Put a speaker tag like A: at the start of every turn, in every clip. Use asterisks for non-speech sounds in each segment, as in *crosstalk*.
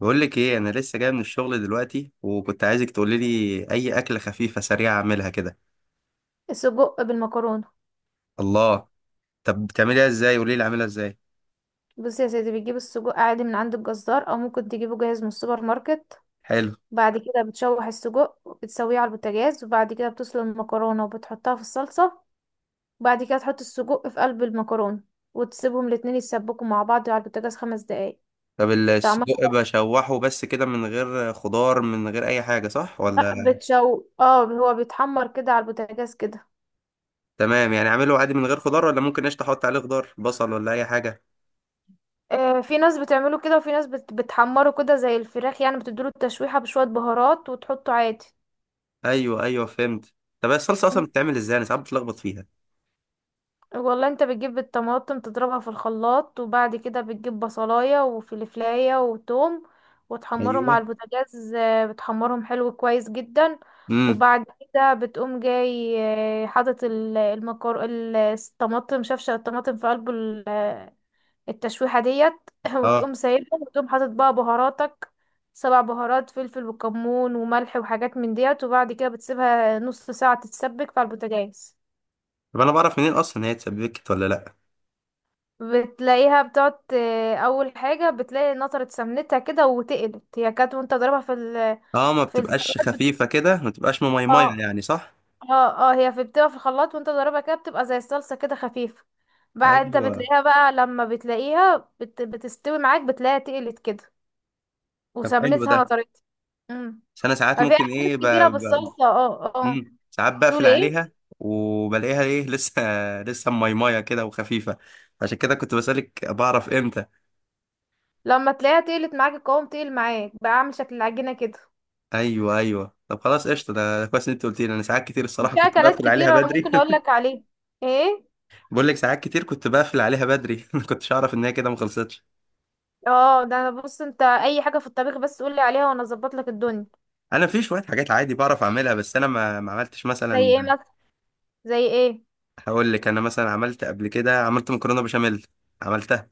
A: بقول لك ايه؟ انا لسه جاي من الشغل دلوقتي، وكنت عايزك تقولي لي اي اكله خفيفه سريعه اعملها كده.
B: السجق بالمكرونة.
A: الله. طب بتعمليها ازاي؟ قولي لي اعملها ازاي.
B: بصي يا سيدي، بتجيب السجق عادي من عند الجزار او ممكن تجيبه جاهز من السوبر ماركت.
A: حلو.
B: بعد كده بتشوح السجق وبتسويه على البوتاجاز، وبعد كده بتسلق المكرونة وبتحطها في الصلصة، وبعد كده تحط السجق في قلب المكرونة، وتسيبهم الاتنين يتسبكوا مع بعض على البوتاجاز 5 دقايق.
A: طب
B: طعمها
A: السجق بشوحه بس كده، من غير خضار، من غير اي حاجه، صح
B: بقى
A: ولا؟
B: بتشو اه هو بيتحمر كده على البوتاجاز كده.
A: تمام، يعني اعمله عادي من غير خضار، ولا ممكن قشطه احط عليه خضار، بصل ولا اي حاجه؟
B: في ناس بتعمله كده، وفي ناس بتحمره كده زي الفراخ، يعني بتديله التشويحة بشوية بهارات وتحطه عادي.
A: ايوه، ايوه، فهمت. طب هي الصلصه اصلا بتتعمل ازاي؟ انا ساعات بتلخبط فيها.
B: والله انت بتجيب الطماطم تضربها في الخلاط، وبعد كده بتجيب بصلاية وفلفلاية وتوم وتحمرهم على
A: ايوه.
B: البوتاجاز. بتحمرهم حلو كويس جدا.
A: امم.
B: وبعد كده بتقوم جاي حاطط الطماطم، شفشة الطماطم في قلب التشويحة ديت. *coughs* *clears throat*
A: اه.
B: وتقوم سايبهم، وتقوم حاطط بقى بهاراتك 7 بهارات: فلفل وكمون وملح وحاجات من ديت. وبعد كده بتسيبها نص ساعة تتسبك في البوتاجاز.
A: طب انا بعرف منين اصلا ان هي اتسبكت ولا لا؟
B: بتلاقيها بتقعد اول حاجه بتلاقي نطرت سمنتها كده وتقلت، هي كانت وانت ضاربها في ال
A: اه، ما
B: في
A: بتبقاش
B: الخلاط
A: خفيفه كده، ما بتبقاش مميميه
B: اه
A: يعني، صح؟
B: اه، هي في بتبقى في الخلاط وانت ضاربها كده بتبقى زي الصلصه كده خفيفه. بقى انت
A: ايوه.
B: بتلاقيها بقى لما بتلاقيها بتستوي معاك، بتلاقيها تقلت كده،
A: طب حلو
B: وسمنتها
A: ده.
B: نطرت. امم
A: بس انا ساعات
B: ففي
A: ممكن
B: حاجات
A: ايه
B: كتيره بالصلصه، اه.
A: ساعات
B: تقول
A: بقفل
B: ايه؟
A: عليها، وبلاقيها ايه *laughs* لسه. لسه ميمية كده وخفيفة. عشان كده كنت بسألك، بعرف امتى؟
B: لما تلاقيها تقلت معاك، القوام تقل معاك بقى عامل شكل العجينه كده.
A: ايوه، ايوه، طب خلاص قشطة. ده ده كويس ان انت قلت لي، انا ساعات كتير الصراحة
B: وفي
A: كنت
B: اكلات
A: بقفل عليها
B: كتيره
A: بدري
B: ممكن اقول لك
A: *laughs*
B: عليها. ايه؟
A: بقول لك ساعات كتير كنت بقفل عليها بدري *laughs* ما كنتش اعرف ان هي كده ما خلصتش.
B: اه، ده انا بص، انت اي حاجه في الطبيخ بس قولي عليها وانا اظبط لك الدنيا.
A: انا في شوية حاجات عادي بعرف اعملها، بس انا ما عملتش
B: زي
A: مثلا.
B: ايه مثلا؟ زي ايه؟
A: هقول لك، انا مثلا عملت قبل كده، عملت مكرونة بشاميل. عملتها.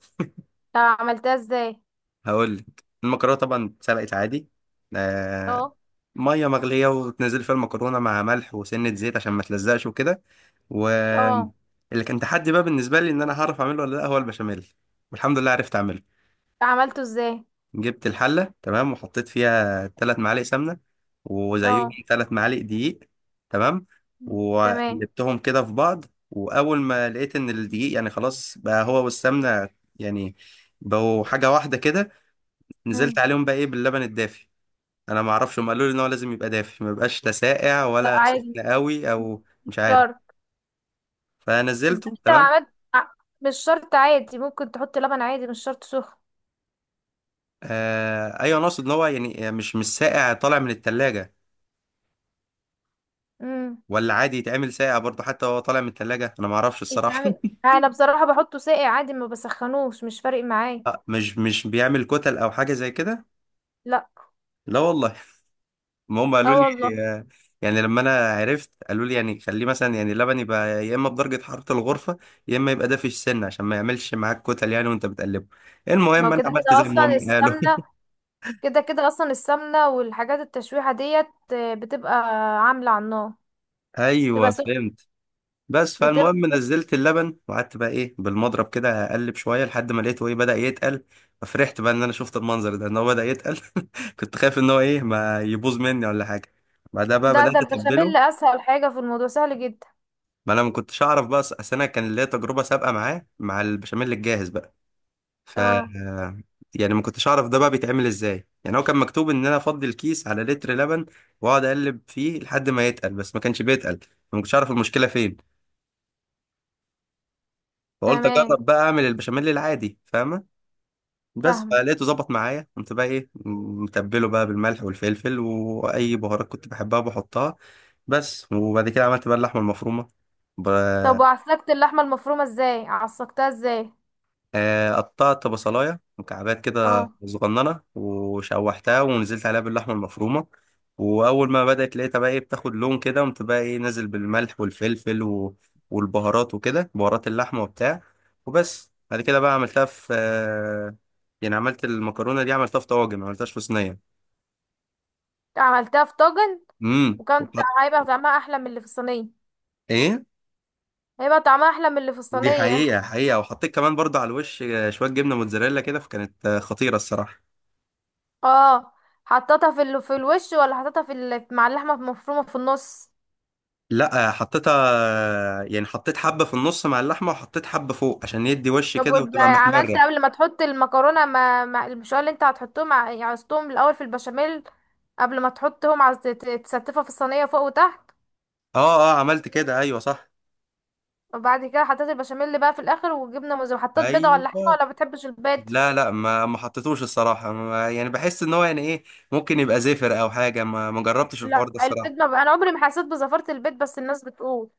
B: طب عملتها ازاي؟
A: هقول لك، المكرونه طبعا اتسلقت عادي. آه.
B: اه
A: ميه مغليه وتنزل فيها المكرونه مع ملح وسنه زيت عشان ما تلزقش وكده. و
B: اه
A: اللي كان تحدي بقى بالنسبه لي، ان انا هعرف اعمله ولا لا، هو البشاميل. والحمد لله عرفت اعمله.
B: عملته ازاي؟
A: جبت الحله تمام وحطيت فيها 3 معالق سمنه، وزيهم
B: اه.
A: 3 معالق دقيق. تمام.
B: مم. تمام.
A: وقلبتهم كده في بعض. واول ما لقيت ان الدقيق يعني خلاص بقى هو والسمنه يعني بقوا حاجه واحده كده، نزلت
B: مم.
A: عليهم بقى ايه باللبن الدافي. انا ما اعرفش، هم قالوا لي ان هو لازم يبقى دافي، ما يبقاش لا ساقع
B: لا
A: ولا
B: عادي،
A: سخن قوي، او
B: مش
A: مش عارف.
B: شرط. انت
A: فنزلته
B: لو
A: تمام.
B: عملت ع- مش شرط، عادي، ممكن تحط لبن عادي، مش شرط سخن.
A: آه ايوه، انا اقصد ان هو يعني مش ساقع طالع من التلاجة،
B: امم
A: ولا عادي يتعمل ساقع برضه حتى وهو طالع من التلاجة؟ انا ما اعرفش الصراحة.
B: يتعمل. انا بصراحه بحطه ساقع عادي، ما بسخنوش، مش فارق
A: *laughs*
B: معايا.
A: مش بيعمل كتل او حاجة زي كده؟
B: لا.
A: لا والله *laughs* ما هم
B: اه
A: قالوا لي.
B: والله.
A: آه، يعني لما انا عرفت، قالوا لي يعني خليه مثلا، يعني اللبن يبقى يا اما بدرجة حرارة الغرفة، يا اما يبقى دافي السن، عشان ما يعملش معاك كتل يعني وانت بتقلبه.
B: ما
A: المهم
B: هو
A: انا
B: كده
A: عملت
B: كده
A: زي ما
B: اصلا
A: هم قالوا
B: السمنه،
A: *laughs*
B: كده كده اصلا السمنه والحاجات التشويحه ديت بتبقى عامله على النار، بتبقى
A: ايوه
B: سخنه.
A: فهمت. بس فالمهم
B: بتبقى
A: نزلت اللبن، وقعدت بقى ايه بالمضرب كده اقلب شويه لحد ما لقيته ايه بدا يتقل. ففرحت بقى ان انا شفت المنظر ده، ان هو بدا يتقل. *laughs* كنت خايف ان هو ايه ما يبوظ مني ولا حاجه. بعدها بقى
B: ده ده
A: بدات اتبله.
B: البشاميل اسهل حاجه في الموضوع، سهل جدا.
A: ما انا ما كنتش اعرف بقى، اصل انا كان ليا تجربه سابقه معاه، مع البشاميل الجاهز بقى. ف
B: اه.
A: يعني ما كنتش اعرف ده بقى بيتعمل ازاي. يعني هو كان مكتوب ان انا افضي الكيس على لتر لبن، واقعد اقلب فيه لحد ما يتقل، بس ما كانش بيتقل. ما كنتش اعرف المشكله فين. فقلت
B: تمام.
A: اجرب بقى اعمل البشاميل العادي، فاهمه؟ بس
B: فاهمه.
A: فلقيته ظبط معايا. قمت بقى ايه متبله بقى بالملح والفلفل، واي بهارات كنت بحبها بحطها. بس. وبعد كده عملت بقى اللحمه المفرومه. ب-
B: طب وعسلكت اللحمه المفرومه ازاي؟ عسلكتها ازاي؟
A: قطعت بصلاية مكعبات كده
B: اه.
A: صغننة، وشوحتها ونزلت عليها باللحمة المفرومة. وأول ما بدأت لقيتها بقى إيه بتاخد لون كده، قمت بقى إيه نازل بالملح والفلفل والبهارات وكده، بهارات اللحمة وبتاع. وبس بعد كده بقى عملتها في يعني عملت المكرونة دي، عملتها في طواجن، ما عملتهاش في صينية.
B: عملتها في طاجن. وكان
A: وحط.
B: هيبقى طعمها احلى من اللي في الصينيه.
A: إيه.
B: هيبقى طعمها احلى من اللي في
A: دي
B: الصينيه.
A: حقيقة، حقيقة. وحطيت كمان برضه على الوش شوية جبنة موتزاريلا كده، فكانت خطيرة الصراحة.
B: اه. حطيتها في في الوش، ولا حطيتها في مع اللحمه المفرومه في النص؟
A: لا، حطيتها، يعني حطيت حبة في النص مع اللحمة، وحطيت حبة فوق عشان يدي وش
B: طب
A: كده
B: ويبقى
A: وتبقى
B: عملت
A: محمرة.
B: قبل ما تحط المكرونة ما المشوار اللي انت هتحطهم عصتهم الأول في البشاميل، قبل ما تحطهم تستفها في الصينية فوق وتحت.
A: اه، اه، عملت كده، ايوه صح.
B: وبعد كده حطيت البشاميل اللي بقى في الآخر وجبنة موزاريلا، حطيت بيضة ولا حاجة،
A: ايوه.
B: ولا بتحبش البيض؟
A: لا، لا، ما حطيتوش الصراحة. ما يعني، بحس ان هو يعني ايه، ممكن يبقى زفر او حاجة. ما جربتش
B: لا،
A: الحوار ده
B: البيض
A: الصراحة.
B: ما بقى. أنا عمري ما حسيت بزفرة البيض، بس الناس بتقول.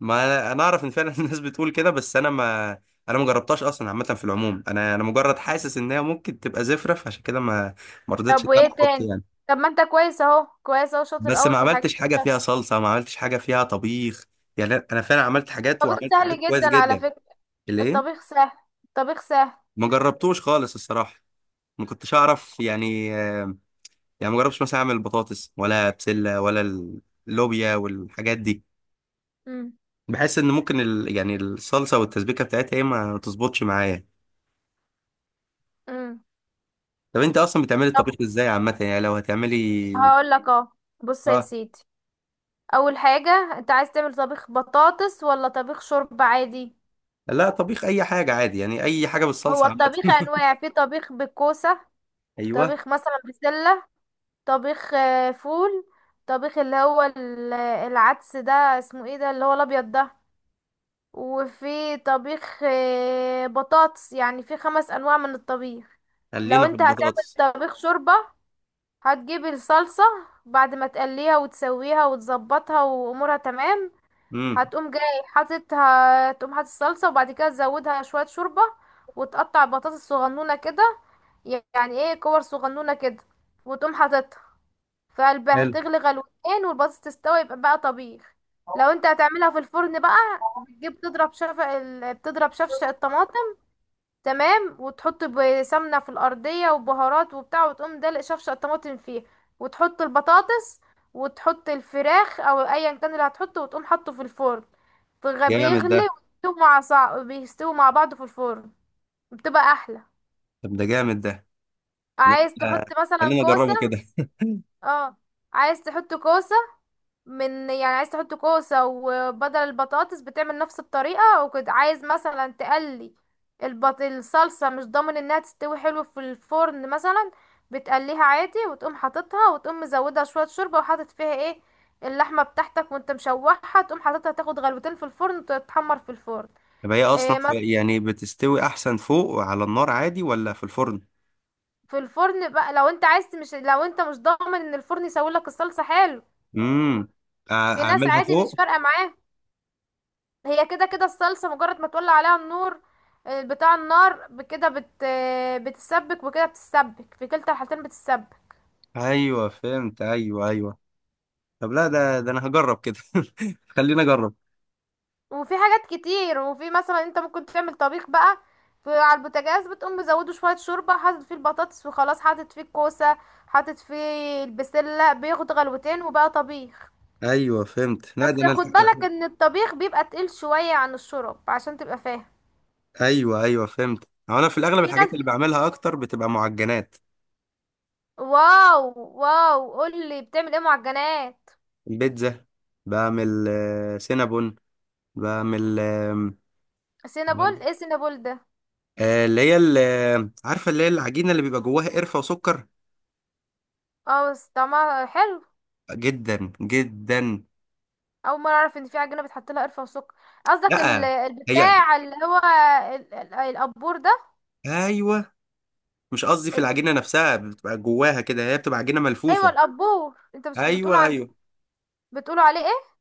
A: ما أنا اعرف ان فعلا *laughs* الناس بتقول كده، بس انا ما. انا ما جربتهاش اصلا. عامة في العموم، انا مجرد حاسس ان هي ممكن تبقى زفرة، فعشان كده ما. ما رضيتش
B: طب
A: ان انا
B: وإيه
A: احط
B: تاني؟
A: يعني.
B: طب ما انت كويس اهو، كويس اهو، شاطر
A: بس
B: قوي
A: ما
B: في حاجات
A: عملتش حاجه
B: كتير.
A: فيها صلصه، ما عملتش حاجه فيها طبيخ. يعني أنا فعلا عملت حاجات،
B: الطبيخ
A: وعملت
B: سهل
A: حاجات كويس
B: جدا على
A: جدا.
B: فكرة.
A: ليه؟
B: الطبيخ سهل. الطبيخ سهل.
A: ما جربتوش خالص الصراحه. ما كنتش اعرف يعني يعني ما جربتش مثلا اعمل بطاطس ولا بسله، ولا اللوبيا والحاجات دي.
B: امم.
A: بحس ان ممكن يعني الصلصه والتسبيكه بتاعتها ايه ما تظبطش معايا.
B: امم.
A: طب انت اصلا بتعملي
B: طب
A: الطبيخ ازاي عامه؟ يعني لو هتعملي.
B: هقول لك اهو، بص يا
A: اه.
B: سيدي، اول حاجة انت عايز تعمل طبيخ بطاطس ولا طبيخ شوربة عادي؟
A: لا، طبيخ اي حاجه عادي، يعني اي حاجه
B: هو
A: بالصلصه
B: الطبيخ
A: عامه *laughs*
B: انواع، في طبيخ بالكوسة،
A: ايوه،
B: طبيخ مثلا بسلة، طبيخ فول، طبيخ اللي هو العدس ده، اسمه ايه ده، اللي هو الابيض ده، وفي طبيخ بطاطس. يعني في 5 انواع من الطبيخ. لو
A: خلينا في
B: انت
A: البطاطس.
B: هتعمل طبيخ شوربة، هتجيب الصلصة بعد ما تقليها وتسويها وتظبطها وامورها تمام،
A: امم.
B: هتقوم جاي حاطط هتقوم حاطط الصلصة. وبعد كده تزودها شوية شوربة، وتقطع بطاطس صغنونة كده، يعني ايه كور صغنونة كده، وتقوم حاططها في قلبها،
A: حلو.
B: تغلي غلوتين والبطاطس تستوي، يبقى بقى طبيخ. لو انت هتعملها في الفرن بقى، بتجيب تضرب بتضرب شفشق الطماطم، تمام، وتحط بسمنة في الأرضية وبهارات وبتاع، وتقوم دلق شفشق الطماطم فيه، وتحط البطاطس، وتحط الفراخ او ايا كان اللي هتحطه، وتقوم حاطه في الفرن.
A: جامد
B: بيغلي
A: ده.
B: ويستوي مع بيستوي مع بعض في الفرن، بتبقى احلى.
A: طب ده جامد ده. لا،
B: عايز
A: آه،
B: تحط مثلا
A: خلينا
B: كوسة؟
A: اجربه كده.
B: اه. عايز تحط كوسة، من يعني عايز تحط كوسة وبدل البطاطس بتعمل نفس الطريقة وكده. عايز مثلا تقلي الصلصة، مش ضامن انها تستوي حلو في الفرن مثلا، بتقليها عادي وتقوم حاططها، وتقوم مزودها شوية شوربة، وحاطط فيها ايه اللحمة بتاعتك وانت مشوحها، تقوم حاططها تاخد غلوتين في الفرن وتتحمر في الفرن.
A: طب هي اصلا
B: إيه؟
A: في يعني بتستوي احسن فوق على النار عادي، ولا في الفرن؟
B: في الفرن بقى لو انت عايز، مش لو انت مش ضامن ان الفرن يسوي لك الصلصه حلو.
A: امم.
B: في ناس
A: اعملها
B: عادي مش
A: فوق.
B: فارقه معاه. هي كده كده الصلصه مجرد ما تولع عليها النور بتاع النار ب- كده بت آه، بتسبك وكده، بتسبك في كلتا الحالتين بتسبك.
A: ايوه فهمت، ايوه ايوه. طب لا، ده انا هجرب كده *laughs* خلينا اجرب.
B: وفي حاجات كتير، وفي مثلا انت ممكن تعمل طبيخ بقى في على البوتاجاز، بتقوم مزوده شويه شوربه، حاطط فيه البطاطس وخلاص، حاطط فيه الكوسه، حاطط فيه البسله، بياخد غلوتين وبقى طبيخ.
A: ايوه فهمت. لا
B: بس
A: ده انا
B: خد بالك ان الطبيخ بيبقى تقيل شوية عن الشرب عشان تبقى فاهم.
A: ايوه، ايوه، فهمت. هو انا في الاغلب
B: في ناس.
A: الحاجات اللي بعملها اكتر بتبقى معجنات.
B: واو. واو، قولي بتعمل ايه معجنات.
A: البيتزا. بعمل سينابون. بعمل
B: سينابول ايه، سينابول ده؟
A: اللي هي عارفه، اللي هي العجينه اللي بيبقى جواها قرفه وسكر.
B: اه، بس طعمها حلو.
A: جدا جدا.
B: اول مرة اعرف ان في عجينة بتحط لها قرفة وسكر. قصدك
A: لا، هي،
B: البتاع اللي هو ال- القبور ده؟
A: ايوه. مش قصدي، في
B: انت-
A: العجينه نفسها بتبقى جواها كده، هي بتبقى عجينه
B: ايوه،
A: ملفوفه.
B: القبور انت بس بتقولوا
A: ايوه ايوه.
B: عندكم، بتقولوا عليه ايه؟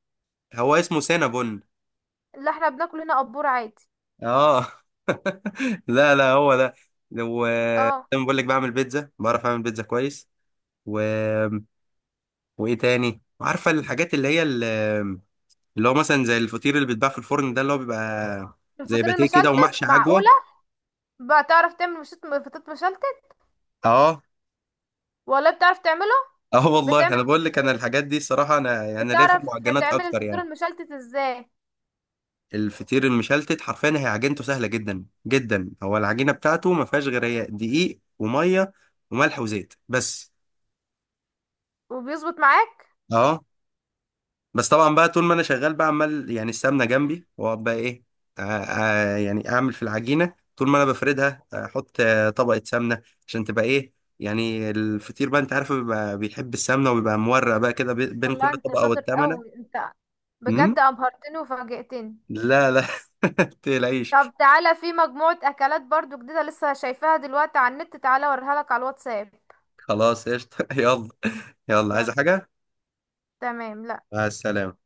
A: هو اسمه سينابون.
B: اللي احنا بناكل هنا قبور عادي.
A: اه. *laughs* لا لا، هو ده. وزي
B: اه.
A: ما بقول لك، بعمل بيتزا، بعرف اعمل بيتزا كويس. و... وايه تاني؟ عارفه الحاجات اللي هي اللي هو مثلا زي الفطير اللي بيتباع في الفرن ده، اللي هو بيبقى زي
B: الفطير
A: باتيه كده،
B: المشلتت؟
A: ومحشي عجوه.
B: معقولة بتعرف تعمل فطير مشلتت؟
A: اه.
B: والله بتعرف تعمله؟
A: اه والله،
B: بتعمل.
A: انا بقول لك، انا الحاجات دي الصراحه، انا ليا في
B: بتعرف
A: المعجنات
B: تعمل
A: اكتر
B: الفطير
A: يعني.
B: المشلتت ازاي.
A: الفطير المشلتت، حرفيا هي عجينته سهله جدا جدا. هو العجينه بتاعته ما فيهاش غير، هي دقيق وميه وملح وزيت بس.
B: وبيظبط معاك؟
A: اه. بس طبعا بقى طول ما انا شغال بقى، عمال يعني السمنه جنبي، واقعد بقى ايه يعني اعمل في العجينه. طول ما انا بفردها احط طبقه سمنه، عشان تبقى ايه يعني. الفطير بقى انت عارف، بيبقى بيحب السمنه، وبيبقى مورق بقى كده بين كل
B: والله انت
A: طبقه
B: شاطر
A: والتمنه.
B: قوي انت،
A: امم.
B: بجد ابهرتني وفاجئتني.
A: لا لا *laughs* تقلقيش.
B: طب تعالى، في مجموعة اكلات برضو جديدة لسه شايفاها دلوقتي على النت، تعالى اوريها لك على الواتساب.
A: خلاص قشطه *laughs* يلا. يلا، عايز
B: يلا.
A: حاجه؟
B: تمام.
A: مع السلامة.